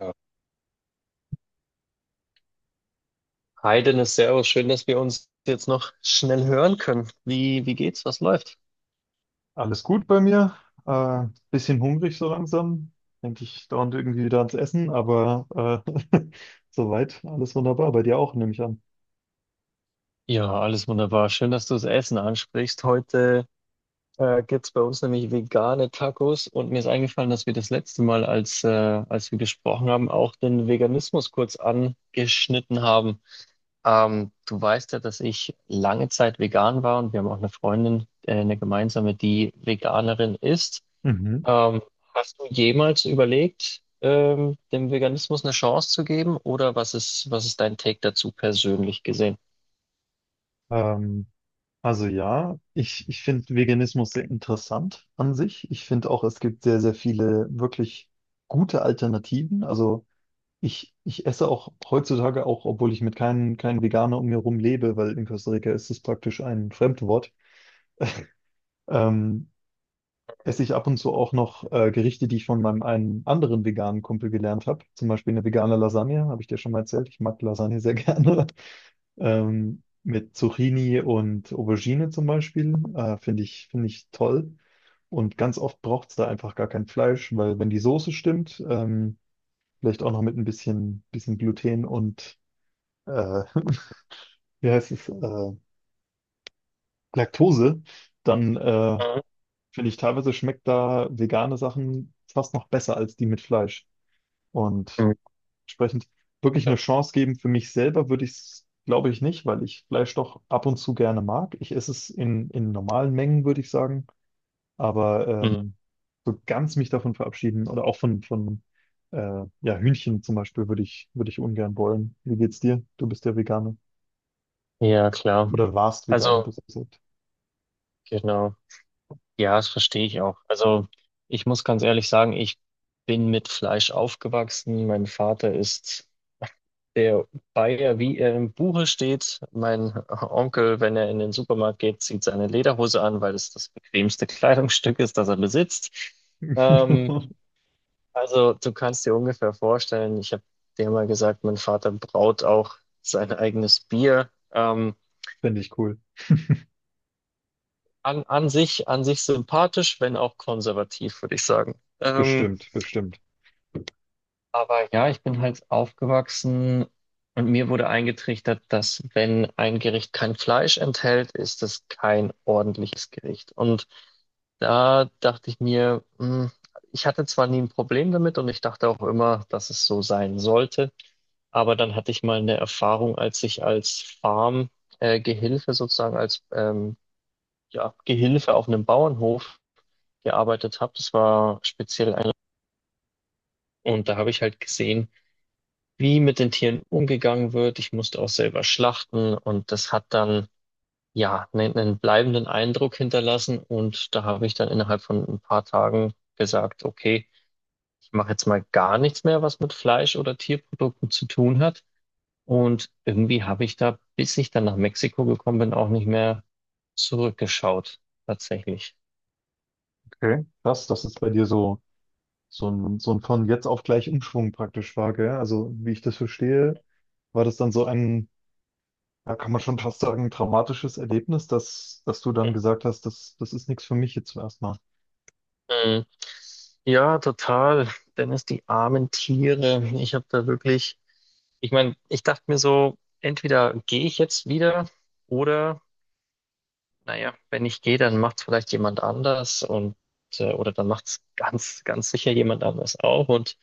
Ja. Hi Dennis, Servus, schön, dass wir uns jetzt noch schnell hören können. Wie geht's? Was läuft? Alles gut bei mir. Äh, Bisschen hungrig so langsam. Denke ich dauernd irgendwie wieder ans Essen, aber äh, soweit alles wunderbar. Bei dir auch, nehme ich an. Ja, alles wunderbar. Schön, dass du das Essen ansprichst. Heute gibt's bei uns nämlich vegane Tacos und mir ist eingefallen, dass wir das letzte Mal, als wir gesprochen haben, auch den Veganismus kurz angeschnitten haben. Du weißt ja, dass ich lange Zeit vegan war und wir haben auch eine Freundin, eine gemeinsame, die Veganerin ist. Mhm. Ähm, hast du jemals überlegt, dem Veganismus eine Chance zu geben oder was ist dein Take dazu persönlich gesehen? Ähm, also ja, ich finde Veganismus sehr interessant an sich. Ich finde auch, es gibt sehr, sehr viele wirklich gute Alternativen. Also ich esse auch heutzutage auch, obwohl ich mit keinem Veganer um mir herum lebe, weil in Costa Rica ist es praktisch ein Fremdwort. Ähm, Esse ich ab und zu auch noch Gerichte, die ich von meinem einen anderen veganen Kumpel gelernt habe. Zum Beispiel eine vegane Lasagne, habe ich dir schon mal erzählt. Ich mag Lasagne sehr gerne. Mit Zucchini und Aubergine zum Beispiel. Finde ich toll. Und ganz oft braucht es da einfach gar kein Fleisch, weil wenn die Soße stimmt, vielleicht auch noch mit ein bisschen Gluten und äh, wie heißt es, Laktose, dann Mhm. finde ich, teilweise schmeckt da vegane Sachen fast noch besser als die mit Fleisch. Und Mhm. entsprechend wirklich eine Chance geben für mich selber würde ich es, glaube ich, nicht, weil ich Fleisch doch ab und zu gerne mag. Ich esse es in normalen Mengen, würde ich sagen. Aber Mhm. So ganz mich davon verabschieden oder auch von äh, ja, Hühnchen zum Beispiel würde ich ungern wollen. Wie geht's dir? Du bist ja Veganer. Ja, klar. Oder warst Veganer, Also, besser gesagt. genau. Ja, das verstehe ich auch. Also, ich muss ganz ehrlich sagen, ich bin mit Fleisch aufgewachsen. Mein Vater ist der Bayer, wie er im Buche steht, mein Onkel, wenn er in den Supermarkt geht, zieht seine Lederhose an, weil es das bequemste Kleidungsstück ist, das er besitzt. Ähm, also du kannst dir ungefähr vorstellen, ich habe dir mal gesagt, mein Vater braut auch sein eigenes Bier. Ähm, Finde ich cool. an, an sich, an sich sympathisch, wenn auch konservativ, würde ich sagen. Ähm, Bestimmt, bestimmt. Aber ja, ich bin halt aufgewachsen und mir wurde eingetrichtert, dass wenn ein Gericht kein Fleisch enthält, ist es kein ordentliches Gericht. Und da dachte ich mir, ich hatte zwar nie ein Problem damit und ich dachte auch immer, dass es so sein sollte, aber dann hatte ich mal eine Erfahrung, als ich als Farm, Gehilfe sozusagen, als ja, Gehilfe auf einem Bauernhof gearbeitet habe. Das war speziell ein, und da habe ich halt gesehen, wie mit den Tieren umgegangen wird. Ich musste auch selber schlachten und das hat dann ja einen bleibenden Eindruck hinterlassen. Und da habe ich dann innerhalb von ein paar Tagen gesagt, okay, ich mache jetzt mal gar nichts mehr, was mit Fleisch oder Tierprodukten zu tun hat. Und irgendwie habe ich da, bis ich dann nach Mexiko gekommen bin, auch nicht mehr zurückgeschaut, tatsächlich. Okay. Krass, dass es bei dir so so ein von jetzt auf gleich Umschwung praktisch war, gell? Also, wie ich das verstehe, war das dann so ein, ja, kann man schon fast sagen, traumatisches Erlebnis, dass du dann gesagt hast, das ist nichts für mich jetzt erstmal. Mhm. Ja, total. Dennis, die armen Tiere. Ich habe da wirklich, ich meine, ich dachte mir so, entweder gehe ich jetzt wieder oder, naja, wenn ich gehe, dann macht es vielleicht jemand anders und oder dann macht es ganz, ganz sicher jemand anders auch. Und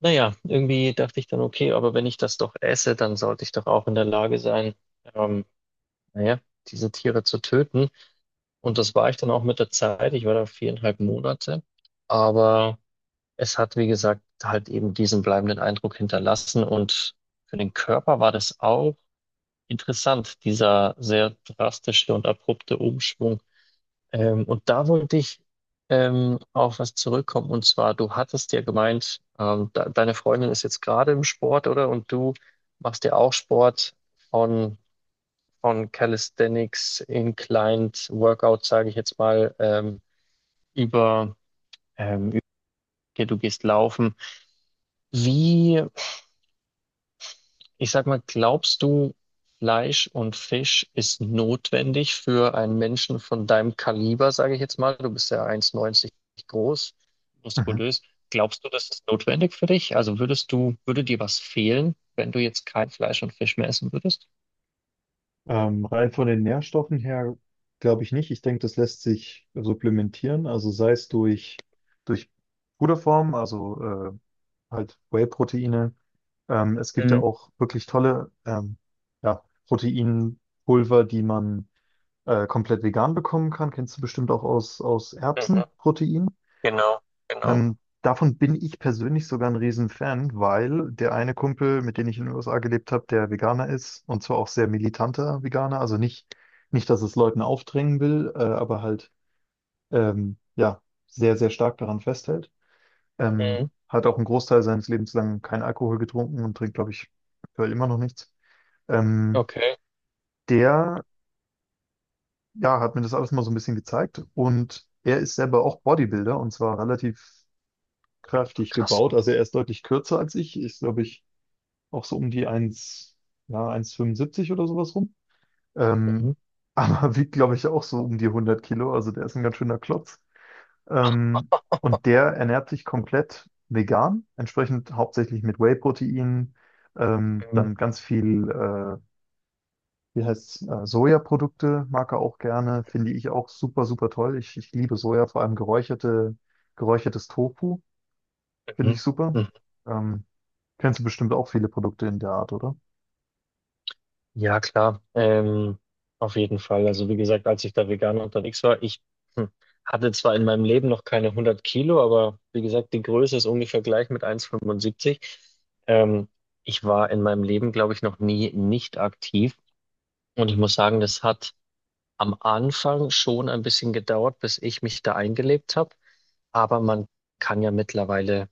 naja, irgendwie dachte ich dann, okay, aber wenn ich das doch esse, dann sollte ich doch auch in der Lage sein, ähm, naja, diese Tiere zu töten. Und das war ich dann auch mit der Zeit. Ich war da viereinhalb Monate. Aber es hat, wie gesagt, halt eben diesen bleibenden Eindruck hinterlassen und für den Körper war das auch interessant, dieser sehr drastische und abrupte Umschwung. Und da wollte ich auf was zurückkommen und zwar, du hattest ja gemeint, de deine Freundin ist jetzt gerade im Sport, oder? Und du machst ja auch Sport von, von Calisthenics, Inclined Workout, sage ich jetzt mal, über, ähm, okay, du gehst laufen. Wie Ich sag mal, glaubst du, Fleisch und Fisch ist notwendig für einen Menschen von deinem Kaliber, sage ich jetzt mal? Du bist ja 1,90 groß, Mhm. muskulös. Glaubst du, das ist notwendig für dich? Also würdest du, würde dir was fehlen, wenn du jetzt kein Fleisch und Fisch mehr essen würdest? Rein von den Nährstoffen her glaube ich nicht. Ich denke, das lässt sich supplementieren, also sei es durch Puderform, also halt Whey-Proteine. Es gibt ja Mhm. auch wirklich tolle ja, Proteinpulver, die man komplett vegan bekommen kann. Kennst du bestimmt auch aus Mhm. Erbsenprotein. Genau, genau. Davon bin ich persönlich sogar ein Riesenfan, weil der eine Kumpel, mit dem ich in den USA gelebt habe, der Veganer ist und zwar auch sehr militanter Veganer, also nicht, nicht, dass es Leuten aufdrängen will, aber halt ja, sehr, sehr stark daran festhält. Mhm. Hat auch einen Großteil seines Lebens lang keinen Akkohol getrunken und trinkt, glaube ich, aktuell immer noch nichts. Ähm, Okay. Der ja, hat mir das alles mal so ein bisschen gezeigt. Und er ist selber auch Bodybuilder und zwar relativ Ach, kräftig krass. gebaut. Also er ist deutlich kürzer als ich. Ist, glaube ich, auch so um die eins, ja, 1,75 oder sowas rum. Ähm, Mhm. aber wiegt, glaube ich, auch so um die 100 Kilo. Also der ist ein ganz schöner Klotz. Ähm, und der ernährt sich komplett vegan, entsprechend hauptsächlich mit Whey-Protein, Mhm. dann ganz viel wie heißt Sojaprodukte mag er auch gerne, finde ich auch super, super toll. Ich liebe Soja, vor allem geräucherte, geräuchertes Tofu, finde ich super. Mhm. Ähm, Kennst du bestimmt auch viele Produkte in der Art, oder? Ja, klar. Auf jeden Fall. Also wie gesagt, als ich da vegan unterwegs war, ich hm, hatte zwar in meinem Leben noch keine 100 Kilo, aber wie gesagt, die Größe ist ungefähr gleich mit 1,75. Ähm, ich war in meinem Leben, glaube ich, noch nie nicht aktiv. Und ich muss sagen, das hat am Anfang schon ein bisschen gedauert, bis ich mich da eingelebt habe. Aber man kann ja mittlerweile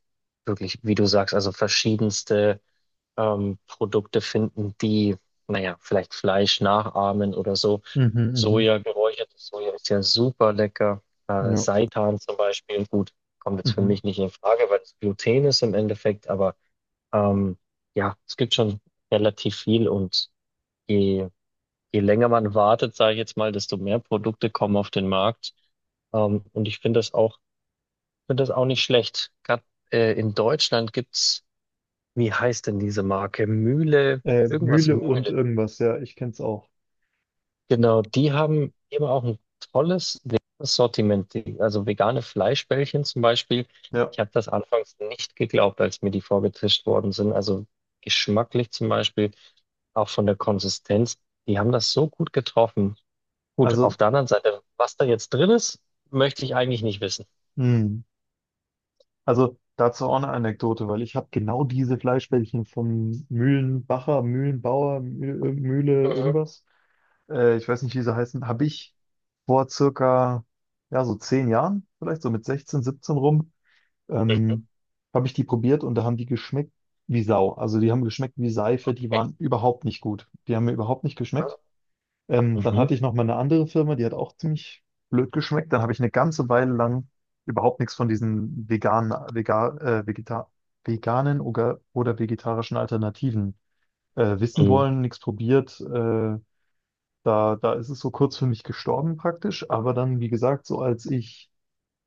wirklich, wie du sagst, also verschiedenste Produkte finden, die, naja, vielleicht Fleisch nachahmen oder so. Mhm, Soja, geräuchertes Soja ist ja super lecker. mhm. Äh, Ja. Seitan zum Beispiel, gut, kommt jetzt für Mhm. mich nicht in Frage, weil es Gluten ist im Endeffekt, aber ähm, ja, es gibt schon relativ viel und je, je länger man wartet, sage ich jetzt mal, desto mehr Produkte kommen auf den Markt. Und ich finde das auch nicht schlecht. Gerade in Deutschland gibt's – wie heißt denn diese Marke? Mühle, irgendwas Mühle und Mühle. irgendwas, ja, ich kenn's auch. Genau, die haben eben auch ein tolles veganes Sortiment, also vegane Fleischbällchen zum Beispiel. Ja, Ich habe das anfangs nicht geglaubt, als mir die vorgetischt worden sind. Also geschmacklich zum Beispiel, auch von der Konsistenz. Die haben das so gut getroffen. Gut, also, auf der anderen Seite, was da jetzt drin ist, möchte ich eigentlich nicht wissen. mh. Also dazu auch eine Anekdote, weil ich habe genau diese Fleischbällchen vom Mühlenbacher, Mühlenbauer, Mühle, Mhm. irgendwas. Ich weiß nicht, wie sie heißen, habe ich vor circa, ja, so 10 Jahren, vielleicht so mit 16, 17 rum, Mhm. ähm, habe ich die probiert und da haben die geschmeckt wie Sau. Also die haben geschmeckt wie Seife, die waren überhaupt nicht gut. Die haben mir überhaupt nicht geschmeckt. Dann Mhm. hatte ich noch mal eine andere Firma, die hat auch ziemlich blöd geschmeckt. Dann habe ich eine ganze Weile lang überhaupt nichts von diesen veganen oder vegetarischen Alternativen wissen Mhm. wollen, nichts probiert. Da ist es so kurz für mich gestorben praktisch, aber dann, wie gesagt, so als ich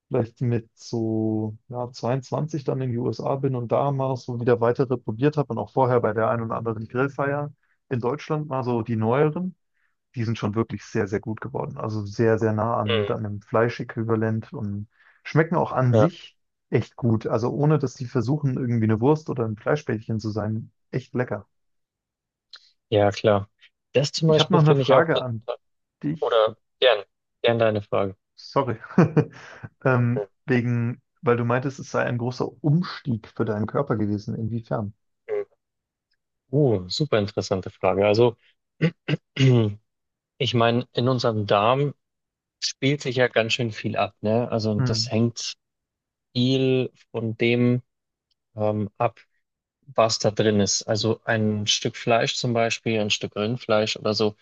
vielleicht mit so ja, 22 dann in die USA bin und da mal so wieder weitere probiert habe und auch vorher bei der einen oder anderen Grillfeier in Deutschland mal so die neueren, die sind schon wirklich sehr, sehr gut geworden. Also sehr, sehr nah an, Mhm. an einem Fleischäquivalent und schmecken auch an Ja, sich echt gut. Also ohne, dass die versuchen, irgendwie eine Wurst oder ein Fleischbällchen zu sein, echt lecker. ja, klar. Das zum Ich habe Beispiel noch eine finde ich auch Frage an total. dich. Oder gern, gern deine Frage. Sorry. Weil du meintest, es sei ein großer Umstieg für deinen Körper gewesen. Inwiefern? Mhm. Super interessante Frage. Also, ich meine, in unserem Darm spielt sich ja ganz schön viel ab, ne? Also, und Hm, das hängt viel von dem ab, was da drin ist. Also, ein Stück Fleisch zum Beispiel, ein Stück Rindfleisch oder so,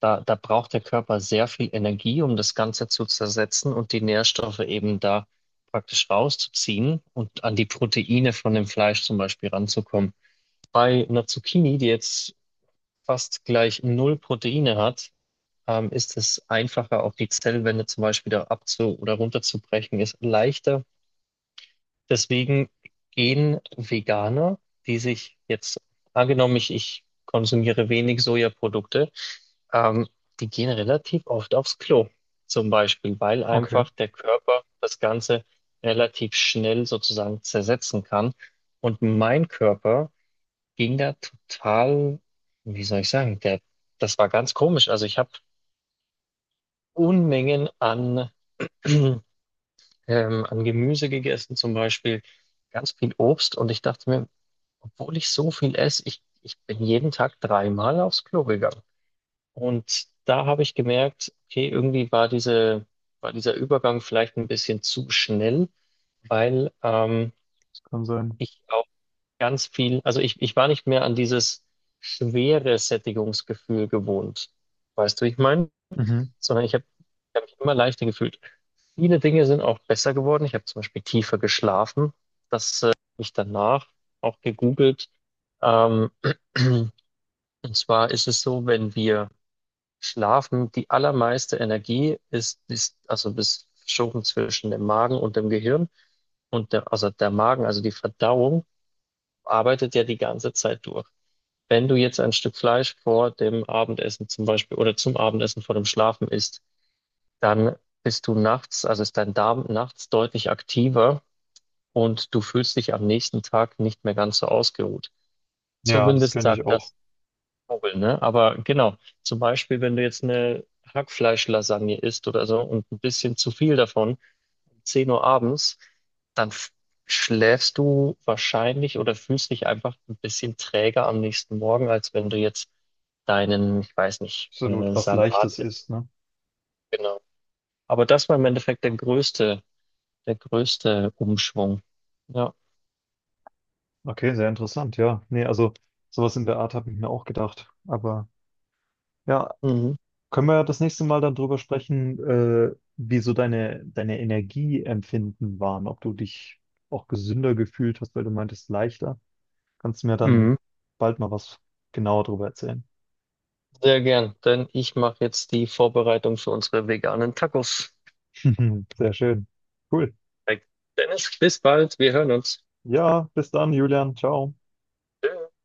da braucht der Körper sehr viel Energie, um das Ganze zu zersetzen und die Nährstoffe eben da praktisch rauszuziehen und an die Proteine von dem Fleisch zum Beispiel ranzukommen. Bei einer Zucchini, die jetzt fast gleich null Proteine hat, ist es einfacher, auch die Zellwände zum Beispiel da abzu- oder runterzubrechen, ist leichter. Deswegen gehen Veganer, die sich jetzt, angenommen, ich konsumiere wenig Sojaprodukte, ähm, die gehen relativ oft aufs Klo, zum Beispiel, weil okay, einfach der Körper das Ganze relativ schnell sozusagen zersetzen kann. Und mein Körper ging da total, wie soll ich sagen, das war ganz komisch. Also ich habe Unmengen an, ähm, an Gemüse gegessen, zum Beispiel ganz viel Obst. Und ich dachte mir, obwohl ich so viel esse, ich bin jeden Tag dreimal aufs Klo gegangen. Und da habe ich gemerkt, okay, irgendwie war dieser Übergang vielleicht ein bisschen zu schnell, weil das kann sein. ich auch ganz viel, also ich war nicht mehr an dieses schwere Sättigungsgefühl gewohnt. Weißt du, wie ich meine? Mhm. Sondern ich habe hab ich hab mich immer leichter gefühlt. Viele Dinge sind auch besser geworden. Ich habe zum Beispiel tiefer geschlafen. Das habe ich danach auch gegoogelt. Ähm, und zwar ist es so, wenn wir schlafen, die allermeiste Energie ist also bis verschoben zwischen dem Magen und dem Gehirn. Und der, also der Magen, also die Verdauung, arbeitet ja die ganze Zeit durch. Wenn du jetzt ein Stück Fleisch vor dem Abendessen zum Beispiel oder zum Abendessen vor dem Schlafen isst, dann bist du nachts, also ist dein Darm nachts deutlich aktiver und du fühlst dich am nächsten Tag nicht mehr ganz so ausgeruht. Ja, das Zumindest kenne ich sagt auch. das Google, ne? Aber genau, zum Beispiel, wenn du jetzt eine Hackfleischlasagne isst oder so und ein bisschen zu viel davon, 10 Uhr abends, dann schläfst du wahrscheinlich oder fühlst dich einfach ein bisschen träger am nächsten Morgen, als wenn du jetzt deinen, ich weiß nicht, Absolut. Was Salat Leichtes isst. ist, ne? Genau. Aber das war im Endeffekt der größte Umschwung. Ja. Okay, sehr interessant, ja. Nee, also sowas in der Art habe ich mir auch gedacht. Aber ja, Mhm. können wir ja das nächste Mal dann drüber sprechen, wie so deine Energieempfinden waren, ob du dich auch gesünder gefühlt hast, weil du meintest leichter. Kannst du mir dann Mhm. bald mal was genauer drüber erzählen? Sehr gern, denn ich mache jetzt die Vorbereitung für unsere veganen Tacos. Sehr schön. Cool. Perfekt. Dennis, bis bald, wir hören uns. Ja, bis dann, Julian. Ciao. Tschüss.